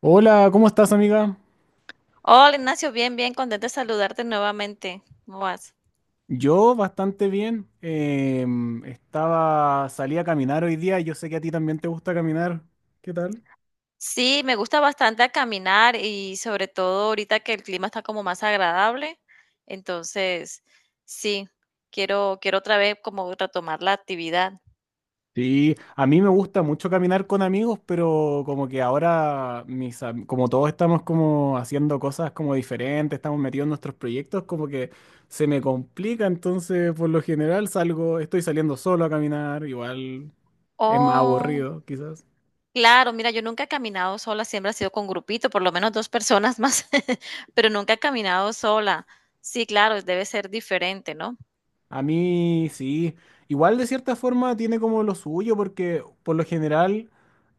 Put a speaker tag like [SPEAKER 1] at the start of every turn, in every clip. [SPEAKER 1] Hola, ¿cómo estás, amiga?
[SPEAKER 2] Hola Ignacio, bien, bien, contenta de saludarte nuevamente. ¿Cómo vas?
[SPEAKER 1] Yo bastante bien. Estaba, salí a caminar hoy día. Yo sé que a ti también te gusta caminar. ¿Qué tal?
[SPEAKER 2] Sí, me gusta bastante a caminar y sobre todo ahorita que el clima está como más agradable. Entonces, sí, quiero otra vez como retomar la actividad.
[SPEAKER 1] Sí, a mí me gusta mucho caminar con amigos, pero como que ahora, como todos estamos como haciendo cosas como diferentes, estamos metidos en nuestros proyectos, como que se me complica. Entonces, por lo general, salgo, estoy saliendo solo a caminar. Igual es más
[SPEAKER 2] Oh,
[SPEAKER 1] aburrido, quizás.
[SPEAKER 2] claro, mira, yo nunca he caminado sola, siempre ha sido con grupito, por lo menos dos personas más, pero nunca he caminado sola. Sí, claro, debe ser diferente, ¿no?
[SPEAKER 1] A mí sí, igual de cierta forma tiene como lo suyo, porque por lo general,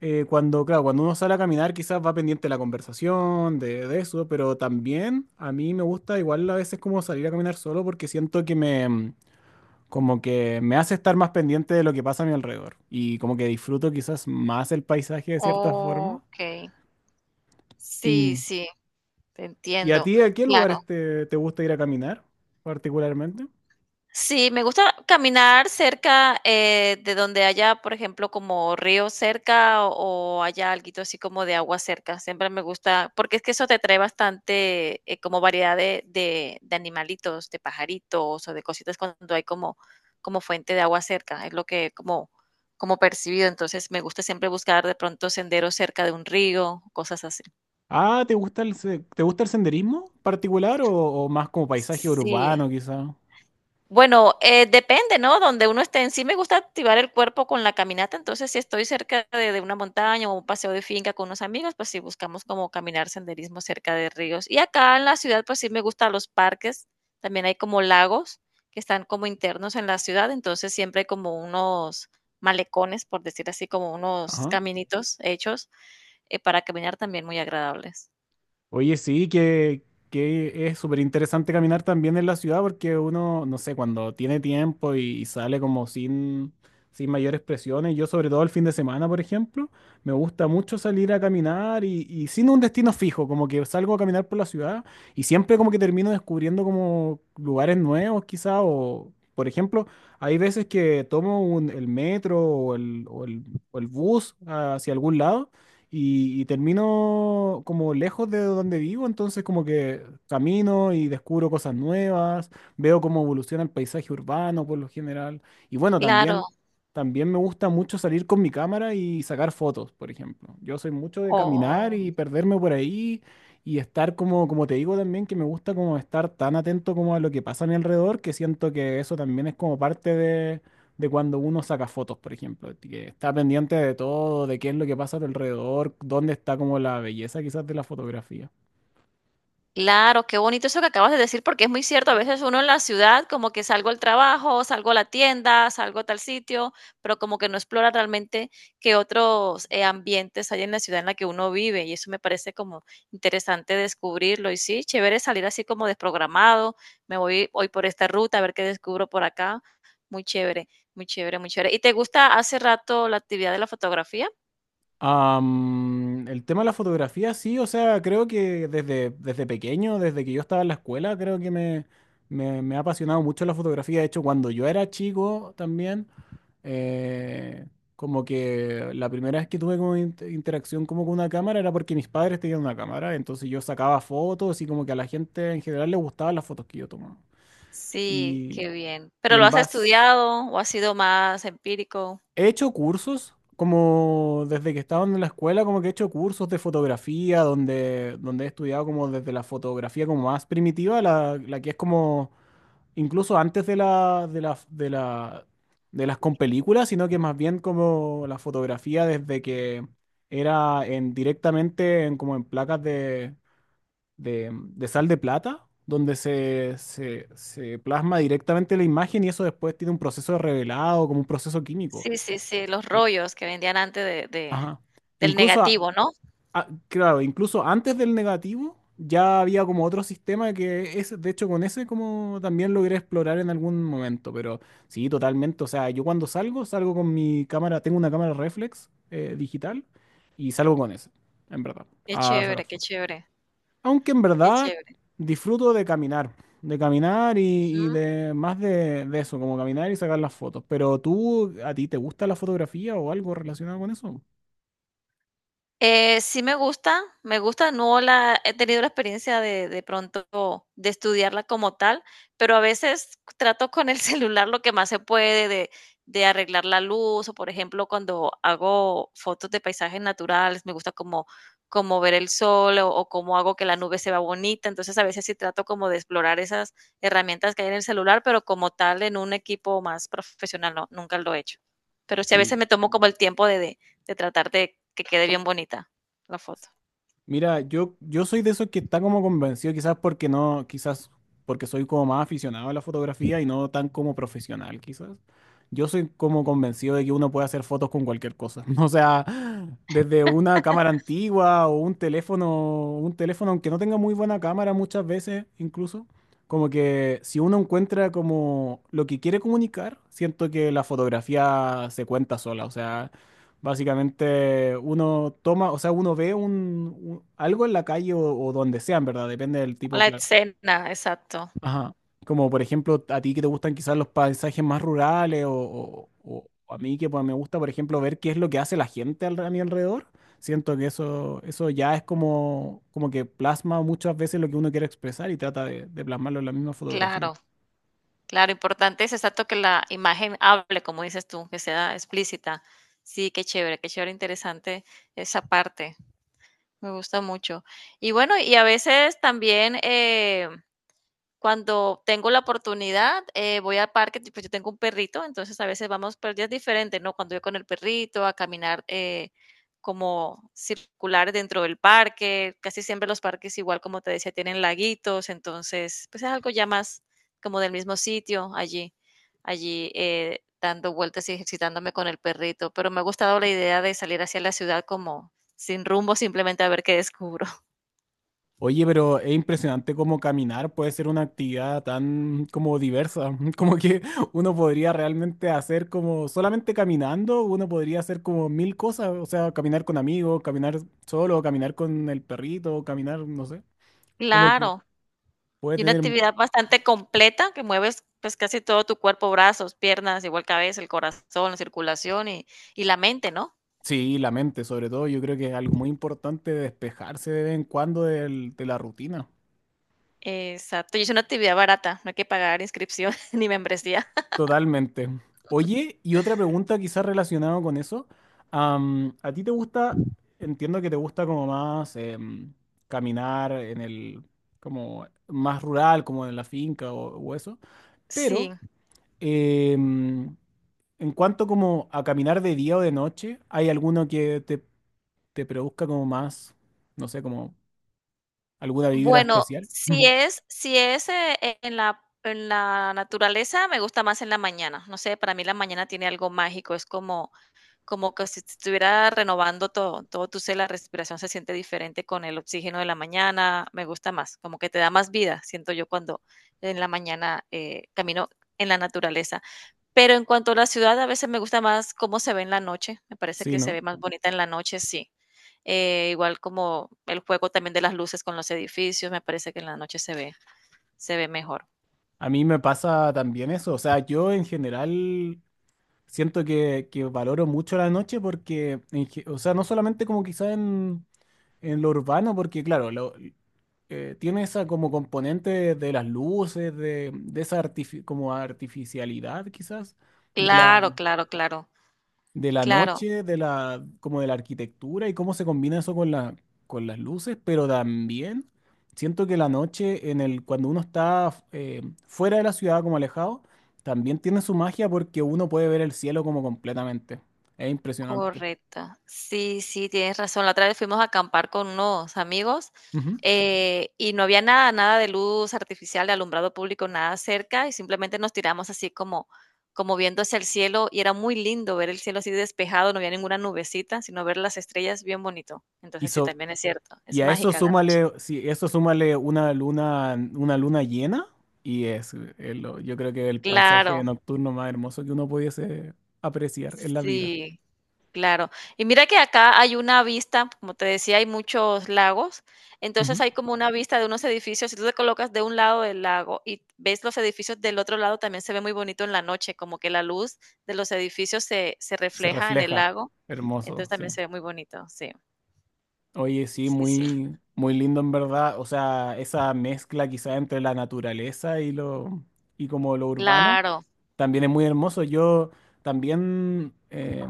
[SPEAKER 1] cuando, claro, cuando uno sale a caminar quizás va pendiente de la conversación, de eso, pero también a mí me gusta igual a veces como salir a caminar solo porque siento que me, como que me hace estar más pendiente de lo que pasa a mi alrededor y como que disfruto quizás más el paisaje de cierta forma.
[SPEAKER 2] Ok,
[SPEAKER 1] ¿Y,
[SPEAKER 2] sí, sí, te
[SPEAKER 1] y a
[SPEAKER 2] entiendo.
[SPEAKER 1] ti a qué
[SPEAKER 2] Claro.
[SPEAKER 1] lugares te, te gusta ir a caminar particularmente?
[SPEAKER 2] Sí, me gusta caminar cerca de donde haya, por ejemplo, como río cerca o haya alguito así como de agua cerca. Siempre me gusta, porque es que eso te trae bastante como variedad de animalitos, de pajaritos o de cositas cuando hay como, como fuente de agua cerca. Es lo que como, como percibido. Entonces me gusta siempre buscar de pronto senderos cerca de un río, cosas así.
[SPEAKER 1] Ah, ¿te gusta te gusta el senderismo particular o más como paisaje
[SPEAKER 2] Sí.
[SPEAKER 1] urbano quizá?
[SPEAKER 2] Bueno, depende, ¿no? Donde uno esté en sí, me gusta activar el cuerpo con la caminata, entonces si estoy cerca de una montaña o un paseo de finca con unos amigos, pues sí buscamos como caminar senderismo cerca de ríos. Y acá en la ciudad, pues sí me gustan los parques, también hay como lagos que están como internos en la ciudad, entonces siempre hay como unos malecones, por decir así, como unos
[SPEAKER 1] Ajá.
[SPEAKER 2] caminitos hechos para caminar también muy agradables.
[SPEAKER 1] Oye, sí, que es súper interesante caminar también en la ciudad porque uno, no sé, cuando tiene tiempo y sale como sin, sin mayores presiones, yo sobre todo el fin de semana, por ejemplo, me gusta mucho salir a caminar y sin un destino fijo, como que salgo a caminar por la ciudad y siempre como que termino descubriendo como lugares nuevos quizá o, por ejemplo, hay veces que el metro o el bus hacia algún lado y termino como lejos de donde vivo, entonces como que camino y descubro cosas nuevas, veo cómo evoluciona el paisaje urbano por lo general. Y bueno,
[SPEAKER 2] Claro,
[SPEAKER 1] también, también me gusta mucho salir con mi cámara y sacar fotos, por ejemplo. Yo soy mucho de caminar
[SPEAKER 2] o
[SPEAKER 1] y perderme por ahí y estar como, como te digo también, que me gusta como estar tan atento como a lo que pasa a mi alrededor, que siento que eso también es como parte de cuando uno saca fotos, por ejemplo, que está pendiente de todo, de qué es lo que pasa a tu alrededor, dónde está como la belleza quizás de la fotografía.
[SPEAKER 2] claro, qué bonito eso que acabas de decir, porque es muy cierto. A veces uno en la ciudad, como que salgo al trabajo, salgo a la tienda, salgo a tal sitio, pero como que no explora realmente qué otros ambientes hay en la ciudad en la que uno vive. Y eso me parece como interesante descubrirlo. Y sí, chévere salir así como desprogramado. Me voy hoy por esta ruta a ver qué descubro por acá. Muy chévere, muy chévere, muy chévere. ¿Y te gusta hace rato la actividad de la fotografía?
[SPEAKER 1] El tema de la fotografía, sí, o sea, creo que desde, desde pequeño, desde que yo estaba en la escuela, creo que me, me ha apasionado mucho la fotografía. De hecho, cuando yo era chico también, eh, como que la primera vez que tuve como interacción como con una cámara era porque mis padres tenían una cámara, entonces yo sacaba fotos y como que a la gente en general le gustaban las fotos que yo tomaba.
[SPEAKER 2] Sí,
[SPEAKER 1] Y,
[SPEAKER 2] qué bien.
[SPEAKER 1] y
[SPEAKER 2] ¿Pero lo
[SPEAKER 1] en
[SPEAKER 2] has
[SPEAKER 1] base,
[SPEAKER 2] estudiado o ha sido más empírico?
[SPEAKER 1] he hecho cursos, como desde que estaba en la escuela, como que he hecho cursos de fotografía, donde, donde he estudiado como desde la fotografía como más primitiva, la que es como incluso antes de la, de las con películas, sino que más bien como la fotografía desde que era en, directamente en, como en placas de sal de plata, donde se plasma directamente la imagen y eso después tiene un proceso de revelado, como un proceso químico.
[SPEAKER 2] Sí, sí, sí, los
[SPEAKER 1] Y-
[SPEAKER 2] rollos que vendían antes de
[SPEAKER 1] Ajá.
[SPEAKER 2] del
[SPEAKER 1] Incluso,
[SPEAKER 2] negativo, ¿no?
[SPEAKER 1] claro, incluso antes del negativo ya había como otro sistema que es, de hecho, con ese como también logré explorar en algún momento, pero sí, totalmente. O sea, yo cuando salgo, salgo con mi cámara, tengo una cámara reflex digital y salgo con ese, en verdad,
[SPEAKER 2] Qué
[SPEAKER 1] a sacar
[SPEAKER 2] chévere, qué
[SPEAKER 1] fotos.
[SPEAKER 2] chévere,
[SPEAKER 1] Aunque en
[SPEAKER 2] qué
[SPEAKER 1] verdad
[SPEAKER 2] chévere.
[SPEAKER 1] disfruto de caminar y de más de eso, como caminar y sacar las fotos. Pero tú, ¿a ti te gusta la fotografía o algo relacionado con eso?
[SPEAKER 2] Sí me gusta, no la he tenido la experiencia de pronto de estudiarla como tal, pero a veces trato con el celular lo que más se puede de arreglar la luz o por ejemplo cuando hago fotos de paisajes naturales, me gusta como, como ver el sol o cómo hago que la nube se vea bonita, entonces a veces sí trato como de explorar esas herramientas que hay en el celular, pero como tal en un equipo más profesional no, nunca lo he hecho. Pero sí a veces
[SPEAKER 1] Sí.
[SPEAKER 2] me tomo como el tiempo de, de tratar de que quede bien bonita la foto.
[SPEAKER 1] Mira, yo soy de esos que está como convencido, quizás porque no, quizás porque soy como más aficionado a la fotografía y no tan como profesional, quizás. Yo soy como convencido de que uno puede hacer fotos con cualquier cosa. O sea, desde una cámara antigua o un teléfono aunque no tenga muy buena cámara muchas veces incluso, como que si uno encuentra como lo que quiere comunicar, siento que la fotografía se cuenta sola. O sea, básicamente uno toma, o sea, uno ve algo en la calle o donde sea, en verdad, depende del tipo,
[SPEAKER 2] La
[SPEAKER 1] claro.
[SPEAKER 2] escena, exacto.
[SPEAKER 1] Ajá. Como por ejemplo, a ti que te gustan quizás los paisajes más rurales o a mí que pues, me gusta, por ejemplo, ver qué es lo que hace la gente a mi alrededor. Siento que eso ya es como, como que plasma muchas veces lo que uno quiere expresar y trata de plasmarlo en la misma fotografía.
[SPEAKER 2] Claro, claro, importante es exacto que la imagen hable, como dices tú, que sea explícita. Sí, qué chévere, interesante esa parte. Me gusta mucho. Y bueno, y a veces también cuando tengo la oportunidad, voy al parque, pues yo tengo un perrito, entonces a veces vamos, pero ya es diferente, ¿no? Cuando yo con el perrito a caminar como circular dentro del parque, casi siempre los parques igual como te decía tienen laguitos, entonces pues es algo ya más como del mismo sitio allí, allí dando vueltas y ejercitándome con el perrito, pero me ha gustado la idea de salir hacia la ciudad como sin rumbo, simplemente a ver qué descubro.
[SPEAKER 1] Oye, pero es impresionante cómo caminar puede ser una actividad tan como diversa, como que uno podría realmente hacer como solamente caminando, uno podría hacer como mil cosas, o sea, caminar con amigos, caminar solo, caminar con el perrito, caminar, no sé, como que
[SPEAKER 2] Claro.
[SPEAKER 1] puede
[SPEAKER 2] Y una
[SPEAKER 1] tener,
[SPEAKER 2] actividad bastante completa que mueves, pues, casi todo tu cuerpo, brazos, piernas, igual cabeza, el corazón, la circulación y la mente, ¿no?
[SPEAKER 1] sí, la mente sobre todo, yo creo que es algo muy importante despejarse de vez en cuando de la rutina.
[SPEAKER 2] Exacto, y es una actividad barata, no hay que pagar inscripción ni membresía.
[SPEAKER 1] Totalmente. Oye, y otra pregunta quizás relacionada con eso. ¿A ti te gusta, entiendo que te gusta como más caminar en el, como más rural, como en la finca o eso, pero
[SPEAKER 2] Sí,
[SPEAKER 1] em, en cuanto como a caminar de día o de noche, ¿hay alguno que te produzca como más, no sé, como alguna vibra
[SPEAKER 2] bueno,
[SPEAKER 1] especial?
[SPEAKER 2] si es si es, eh, eh, en la naturaleza, me gusta más en la mañana. No sé, para mí la mañana tiene algo mágico, es como como que si te estuviera renovando todo, todo tu ser, la respiración se siente diferente con el oxígeno de la mañana, me gusta más, como que te da más vida, siento yo cuando en la mañana camino en la naturaleza. Pero en cuanto a la ciudad, a veces me gusta más cómo se ve en la noche, me parece
[SPEAKER 1] Sí,
[SPEAKER 2] que se
[SPEAKER 1] ¿no?
[SPEAKER 2] ve más bonita en la noche, sí. Igual como el juego también de las luces con los edificios, me parece que en la noche se ve mejor.
[SPEAKER 1] A mí me pasa también eso. O sea, yo en general siento que valoro mucho la noche porque, en o sea, no solamente como quizá en lo urbano, porque claro, tiene esa como componente de las luces, de esa como artificialidad quizás,
[SPEAKER 2] Claro, claro, claro,
[SPEAKER 1] de la
[SPEAKER 2] claro.
[SPEAKER 1] noche, de la, como de la arquitectura y cómo se combina eso con la, con las luces, pero también siento que la noche, en el, cuando uno está fuera de la ciudad, como alejado, también tiene su magia porque uno puede ver el cielo como completamente. Es impresionante.
[SPEAKER 2] Correcto. Sí, sí, tienes razón. La otra vez fuimos a acampar con unos amigos
[SPEAKER 1] Ujú.
[SPEAKER 2] y no había nada, nada de luz artificial, de alumbrado público, nada cerca y simplemente nos tiramos así como, como viendo hacia el cielo y era muy lindo ver el cielo así despejado, no había ninguna nubecita, sino ver las estrellas bien bonito.
[SPEAKER 1] Y,
[SPEAKER 2] Entonces sí, también es cierto,
[SPEAKER 1] y
[SPEAKER 2] es
[SPEAKER 1] a eso
[SPEAKER 2] mágica la noche.
[SPEAKER 1] súmale, si eso súmale una luna llena, y es, yo creo que el paisaje
[SPEAKER 2] Claro,
[SPEAKER 1] nocturno más hermoso que uno pudiese apreciar en la vida.
[SPEAKER 2] sí. Claro. Y mira que acá hay una vista, como te decía, hay muchos lagos, entonces
[SPEAKER 1] Ujú.
[SPEAKER 2] hay como una vista de unos edificios, si tú te colocas de un lado del lago y ves los edificios del otro lado, también se ve muy bonito en la noche, como que la luz de los edificios se, se
[SPEAKER 1] Se
[SPEAKER 2] refleja en el
[SPEAKER 1] refleja.
[SPEAKER 2] lago,
[SPEAKER 1] Hermoso,
[SPEAKER 2] entonces
[SPEAKER 1] sí.
[SPEAKER 2] también se ve muy bonito, sí,
[SPEAKER 1] Oye, sí,
[SPEAKER 2] sí, sí.
[SPEAKER 1] muy, muy lindo en verdad. O sea, esa mezcla quizá entre la naturaleza y lo, y como lo urbano,
[SPEAKER 2] Claro,
[SPEAKER 1] también es muy hermoso. Yo también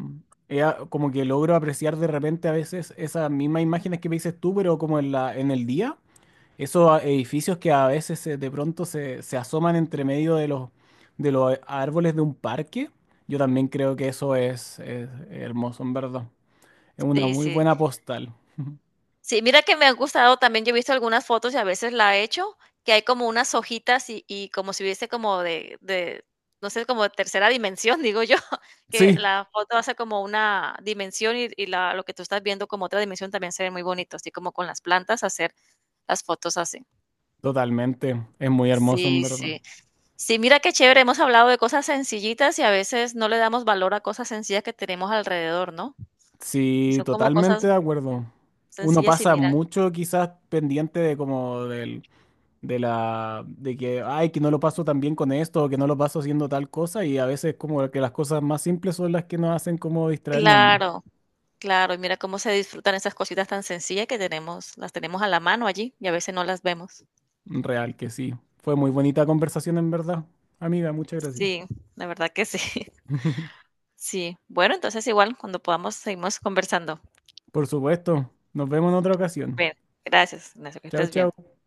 [SPEAKER 1] como que logro apreciar de repente a veces esas mismas imágenes que me dices tú, pero como en la, en el día. Esos edificios que a veces de pronto se, se asoman entre medio de los árboles de un parque. Yo también creo que eso es hermoso, en verdad. Es una
[SPEAKER 2] sí,
[SPEAKER 1] muy
[SPEAKER 2] sí.
[SPEAKER 1] buena postal.
[SPEAKER 2] Sí, mira que me ha gustado también, yo he visto algunas fotos y a veces la he hecho, que hay como unas hojitas y como si hubiese como de, no sé, como de tercera dimensión, digo yo, que
[SPEAKER 1] Sí,
[SPEAKER 2] la foto hace como una dimensión y la lo que tú estás viendo como otra dimensión también se ve muy bonito, así como con las plantas hacer las fotos así.
[SPEAKER 1] totalmente. Es muy hermoso, en
[SPEAKER 2] Sí,
[SPEAKER 1] verdad.
[SPEAKER 2] sí. Sí, mira qué chévere, hemos hablado de cosas sencillitas y a veces no le damos valor a cosas sencillas que tenemos alrededor, ¿no? Y
[SPEAKER 1] Sí,
[SPEAKER 2] son como
[SPEAKER 1] totalmente
[SPEAKER 2] cosas
[SPEAKER 1] de acuerdo. Uno
[SPEAKER 2] sencillas y
[SPEAKER 1] pasa
[SPEAKER 2] mira
[SPEAKER 1] mucho quizás pendiente de como del, de la, de que, ay, que no lo paso tan bien con esto, o que no lo paso haciendo tal cosa, y a veces como que las cosas más simples son las que nos hacen como distraernos más.
[SPEAKER 2] claro. Claro, y mira cómo se disfrutan esas cositas tan sencillas que tenemos, las tenemos a la mano allí y a veces no las vemos.
[SPEAKER 1] Real que sí. Fue muy bonita conversación, en verdad. Amiga, muchas gracias.
[SPEAKER 2] Sí, la verdad que sí. Sí. Bueno, entonces igual cuando podamos seguimos conversando.
[SPEAKER 1] Por supuesto. Nos vemos en otra ocasión.
[SPEAKER 2] Bien, gracias, gracias, que
[SPEAKER 1] Chao,
[SPEAKER 2] estés bien.
[SPEAKER 1] chao.